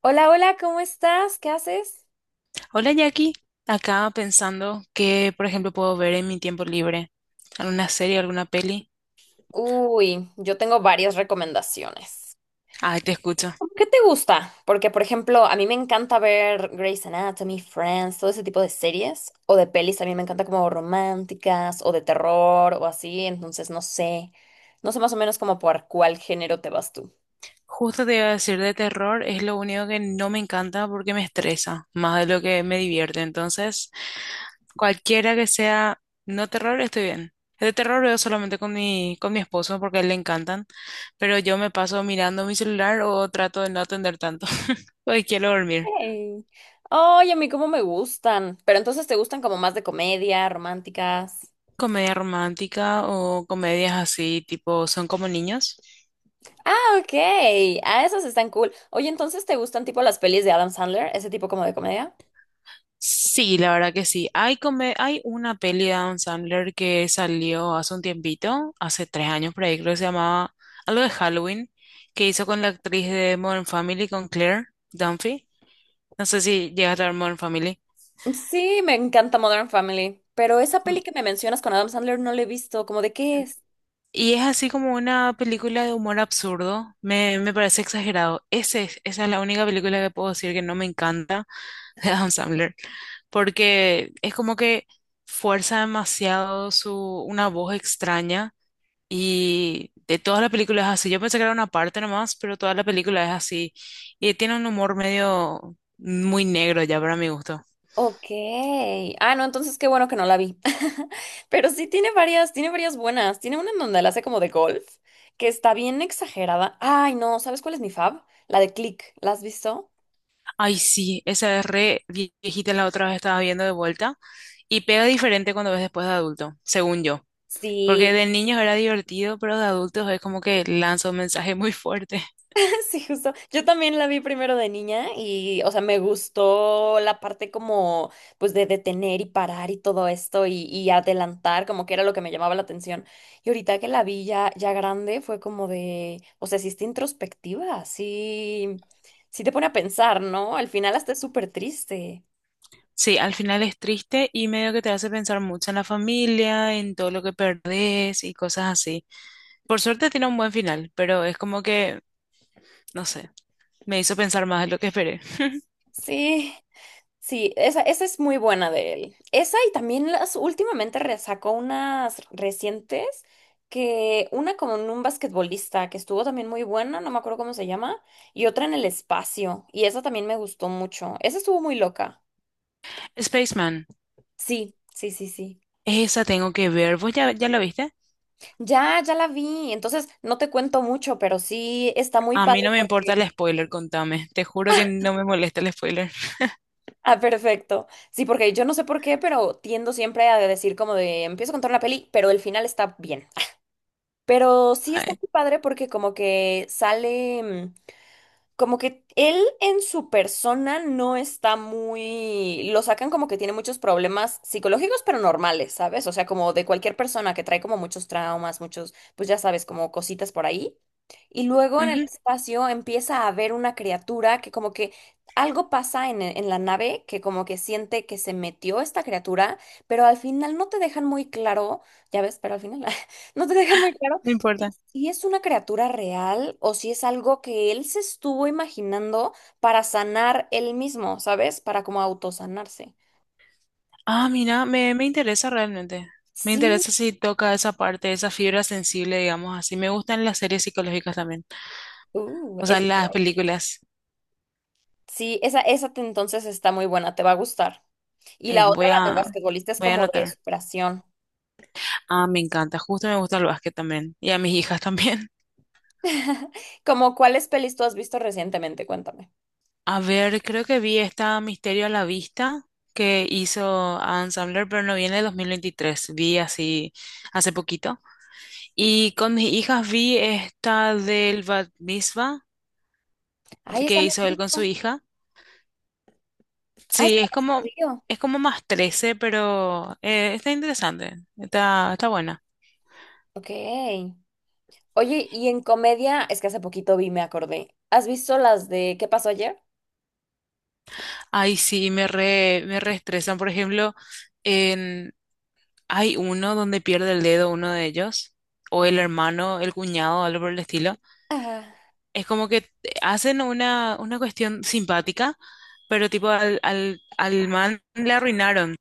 Hola, hola, ¿cómo estás? ¿Qué haces? Hola Jackie, acá pensando que, por ejemplo, puedo ver en mi tiempo libre. ¿Alguna serie, alguna peli? Uy, yo tengo varias recomendaciones. Ay, te escucho. ¿Qué te gusta? Porque, por ejemplo, a mí me encanta ver Grey's Anatomy, Friends, todo ese tipo de series o de pelis. A mí me encanta como románticas o de terror o así. Entonces, no sé. No sé más o menos como por cuál género te vas tú. Justo te iba a decir de terror, es lo único que no me encanta porque me estresa, más de lo que me divierte. Entonces, cualquiera que sea no terror, estoy bien. De terror veo solamente con mi esposo porque a él le encantan, pero yo me paso mirando mi celular o trato de no atender tanto, porque quiero dormir. Hey. Ay, a mí cómo me gustan. Pero entonces, ¿te gustan como más de comedia, románticas? Comedia romántica o comedias así, tipo, ¿son como niños? Ah, ok. Ah, esas están cool. Oye, entonces, ¿te gustan tipo las pelis de Adam Sandler? Ese tipo como de comedia. Sí, la verdad que sí. Hay una peli de Adam Sandler que salió hace un tiempito, hace 3 años por ahí, creo que se llamaba algo de Halloween, que hizo con la actriz de Modern Family, con Claire Dunphy. No sé si llegaste a ver Modern Family. Sí, me encanta Modern Family, pero esa peli Mm, que me mencionas con Adam Sandler no la he visto, ¿cómo de qué es? Y es así como una película de humor absurdo. Me parece exagerado. Esa es la única película que puedo decir que no me encanta de Adam Sandler, porque es como que fuerza demasiado su, una voz extraña, y de todas las películas es así. Yo pensé que era una parte nomás, pero toda la película es así y tiene un humor medio muy negro ya para mi gusto. Ok. Ah, no, entonces qué bueno que no la vi. Pero sí tiene varias buenas. Tiene una en donde la hace como de golf, que está bien exagerada. Ay, no, ¿sabes cuál es mi fab? La de Click. ¿La has visto? Ay, sí, esa es re viejita, la otra vez estaba viendo de vuelta y pega diferente cuando ves después de adulto, según yo. Porque Sí. de niños era divertido, pero de adultos es como que lanza un mensaje muy fuerte. Sí, justo. Yo también la vi primero de niña y, o sea, me gustó la parte como, pues, de detener y parar y todo esto y adelantar, como que era lo que me llamaba la atención. Y ahorita que la vi ya, ya grande, fue como de, o sea, sí está introspectiva, sí, sí te pone a pensar, ¿no? Al final hasta es súper triste. Sí, al final es triste y medio que te hace pensar mucho en la familia, en todo lo que perdés y cosas así. Por suerte tiene un buen final, pero es como que, no sé, me hizo pensar más de lo que esperé. Sí. Sí, esa es muy buena de él. Esa y también las últimamente re- sacó unas recientes que una con un basquetbolista que estuvo también muy buena, no me acuerdo cómo se llama, y otra en el espacio, y esa también me gustó mucho. Esa estuvo muy loca. Spaceman, Sí, sí, sí, sí. esa tengo que ver. ¿Vos ya la viste? Ya, ya la vi. Entonces, no te cuento mucho, pero sí está muy A mí padre no me importa porque el spoiler, contame. Te juro que no me molesta el spoiler. Ah, perfecto. Sí, porque yo no sé por qué, pero tiendo siempre a decir como de empiezo a contar una peli, pero el final está bien. Pero sí está Ay, muy padre porque como que sale, como que él en su persona no está muy, lo sacan como que tiene muchos problemas psicológicos, pero normales, ¿sabes? O sea, como de cualquier persona que trae como muchos traumas, muchos, pues ya sabes, como cositas por ahí. Y luego en el ujú, espacio empieza a ver una criatura que como que algo pasa en la nave que como que siente que se metió esta criatura, pero al final no te dejan muy claro, ya ves, pero al final no te dejan muy claro no importa. si es una criatura real o si es algo que él se estuvo imaginando para sanar él mismo, ¿sabes? Para como autosanarse. Ah, mira, me interesa realmente. Me Sí, interesa si toca esa parte, esa fibra sensible, digamos así. Me gustan las series psicológicas también. O sea, esa, está las buena. películas. Sí, esa te- entonces está muy buena, te va a gustar. Y Eh, la otra, voy la del a, basquetbolista, es voy a como de anotar. superación. Ah, me encanta. Justo me gusta el básquet también. Y a mis hijas también. Como cuáles pelis tú has visto recientemente, cuéntame. A ver, creo que vi esta Misterio a la Vista que hizo Adam Sandler, pero no viene de 2023. Vi así hace poquito. Y con mis hijas vi esta del Bat Mitzvah Ay, esa que no la he hizo él con su visto. hija. Ah, es que Sí, hace frío. es como más 13, pero está interesante. Está buena. Ok. Oye, y en comedia, es que hace poquito vi, me acordé. ¿Has visto las de ¿Qué pasó ayer? Ay, sí, me reestresan, por ejemplo. Hay uno donde pierde el dedo uno de ellos, o el hermano, el cuñado, algo por el estilo. Ajá. Es como que hacen una cuestión simpática, pero tipo al man le arruinaron.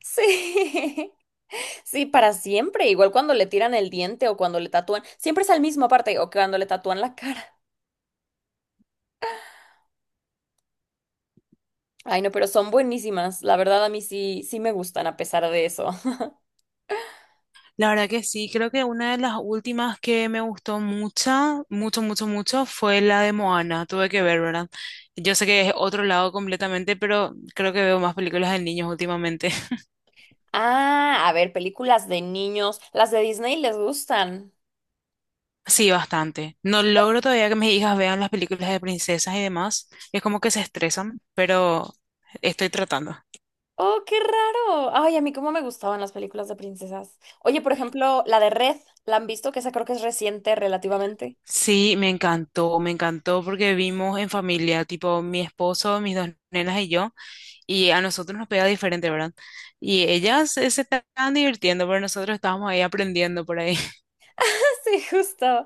Sí, sí, para siempre. Igual cuando le tiran el diente o cuando le tatúan, siempre es al mismo aparte, o cuando le tatúan la cara. Ay, no, pero son buenísimas. La verdad, a mí sí, sí me gustan a pesar de eso. La verdad que sí, creo que una de las últimas que me gustó mucho, mucho, mucho, mucho, fue la de Moana. Tuve que ver, ¿verdad? Yo sé que es otro lado completamente, pero creo que veo más películas de niños últimamente. Ah, a ver, películas de niños. Las de Disney les gustan. Sí, bastante. No logro todavía que mis hijas vean las películas de princesas y demás. Es como que se estresan, pero estoy tratando. Oh, qué raro. Ay, a mí cómo me gustaban las películas de princesas. Oye, por ejemplo, la de Red, ¿la han visto? Que esa creo que es reciente relativamente. Sí, me encantó porque vimos en familia, tipo mi esposo, mis dos nenas y yo, y a nosotros nos pega diferente, ¿verdad? Y ellas se estaban divirtiendo, pero nosotros estábamos ahí aprendiendo por ahí. Sí, justo.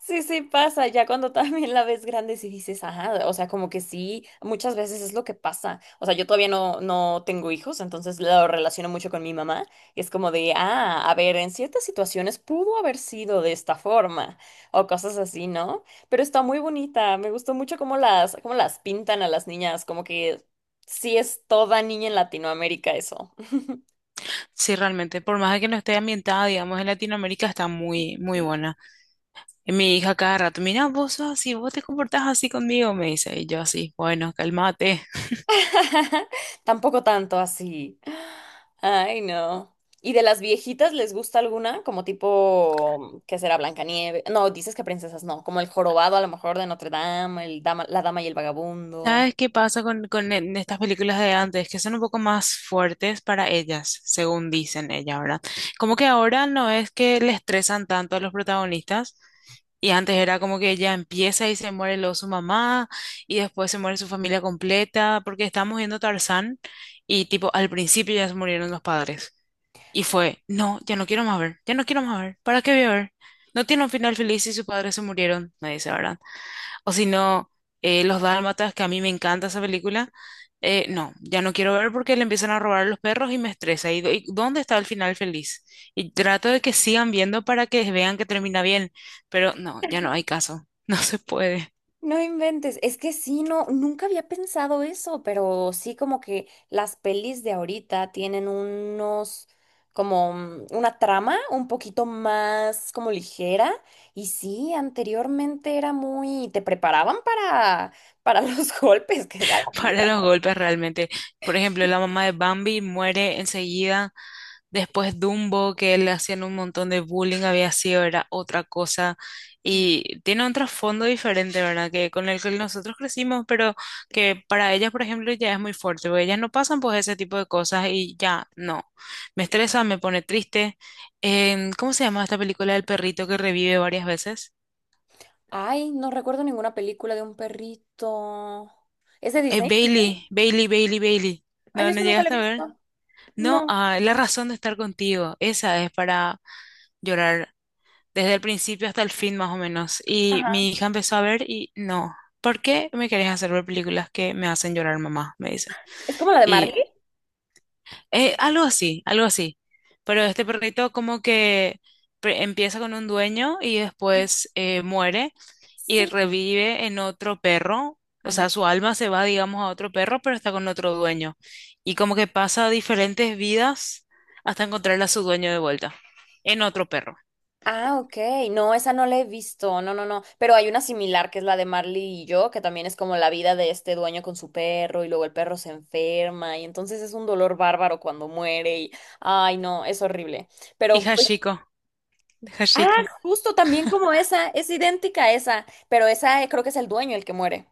Sí, sí pasa. Ya cuando también la ves grande, sí dices, ajá, o sea, como que sí, muchas veces es lo que pasa. O sea, yo todavía no, no tengo hijos, entonces lo relaciono mucho con mi mamá. Y es como de, ah, a ver, en ciertas situaciones pudo haber sido de esta forma o cosas así, ¿no? Pero está muy bonita. Me gustó mucho cómo las pintan a las niñas, como que sí es toda niña en Latinoamérica eso. Sí, realmente, por más de que no esté ambientada, digamos, en Latinoamérica, está muy, muy buena. Mi hija cada rato, mira, vos sos así, vos te comportás así conmigo, me dice. Y yo así, bueno, cálmate. Tampoco tanto así. Ay, no. ¿Y de las viejitas les gusta alguna? Como tipo, ¿qué será? Blancanieves. No, dices que princesas no. Como el jorobado, a lo mejor, de Notre Dame, el dama, la dama y el vagabundo. ¿Sabes qué pasa con, en estas películas de antes? Que son un poco más fuertes para ellas, según dicen ellas, ¿verdad? Como que ahora no es que le estresan tanto a los protagonistas. Y antes era como que ella empieza y se muere luego su mamá, y después se muere su familia completa, porque estamos viendo Tarzán y tipo al principio ya se murieron los padres. Y fue, no, ya no quiero más ver, ya no quiero más ver, ¿para qué voy a ver? No tiene un final feliz si sus padres se murieron, me dice, ¿verdad? O si no, Los Dálmatas, que a mí me encanta esa película, no, ya no quiero ver porque le empiezan a robar a los perros y me estresa. ¿Y, y dónde está el final feliz? Y trato de que sigan viendo para que vean que termina bien, pero no, ya no hay caso, no se puede. No inventes, es que sí, no, nunca había pensado eso, pero sí como que las pelis de ahorita tienen unos, como una trama un poquito más como ligera y sí, anteriormente era muy, te preparaban para los golpes que da la Para vida. los Por golpes realmente. Por ejemplo, la mamá de Bambi muere enseguida. Después Dumbo, que le hacían un montón de bullying, había sido, era otra cosa. ti. Y tiene un trasfondo diferente, ¿verdad? Que con el que nosotros crecimos, pero que para ellas, por ejemplo, ya es muy fuerte, porque ellas no pasan por ese tipo de cosas y ya no. Me estresa, me pone triste. ¿Cómo se llama esta película del perrito que revive varias veces? Ay, no recuerdo ninguna película de un perrito. ¿Es de Disney? Bailey, Bailey, Bailey, Bailey. Ay, yo No, no eso nunca la he llegaste a ver. visto. No, No, ah, la razón de estar contigo, esa es para llorar desde el principio hasta el fin más o menos. Y ajá. mi hija empezó a ver y no, ¿por qué me querés hacer ver películas que me hacen llorar, mamá? Me dice. ¿Es como la de Y Marley? Algo así, algo así. Pero este perrito como que empieza con un dueño y después muere y Sí. revive en otro perro, o sea, su alma se va, digamos, a otro perro, pero está con otro dueño. Y como que pasa diferentes vidas hasta encontrar a su dueño de vuelta, en otro perro. Ah, ok. No, esa no la he visto. No, no, no. Pero hay una similar que es la de Marley y yo, que también es como la vida de este dueño con su perro y luego el perro se enferma y entonces es un dolor bárbaro cuando muere y, ay, no, es horrible. Y Pero pues, Hashiko, de ah, Hashiko. justo también como esa, es idéntica a esa, pero esa creo que es el dueño el que muere.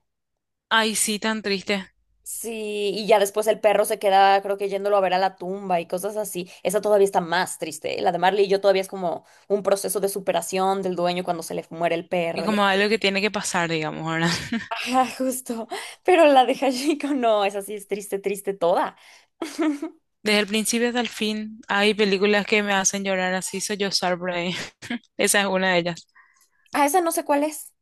Ay, sí, tan triste. Sí, y ya después el perro se queda, creo que yéndolo a ver a la tumba y cosas así. Esa todavía está más triste, ¿eh? La de Marley y yo todavía es como un proceso de superación del dueño cuando se le muere el perro. Es como algo que tiene que pasar, digamos, ahora. Ah, justo. Pero la de Hashiko no, esa sí es triste, triste toda. Desde el principio hasta el fin, hay películas que me hacen llorar así, soy yo por ahí. Esa es una de ellas. Ah, esa no sé cuál es.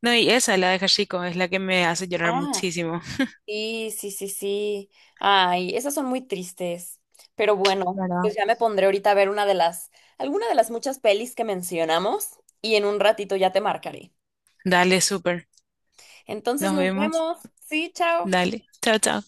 No, y esa, la de Hashiko, es la que me hace llorar Ah, muchísimo. sí, sí, sí, sí. Ay, esas son muy tristes. Pero bueno, ¿Verdad? pues ya me pondré ahorita a ver una de las, alguna de las muchas pelis que mencionamos y en un ratito ya te marcaré. Dale, súper. Entonces Nos nos vemos. vemos. Sí, chao. Dale. Chao, chao.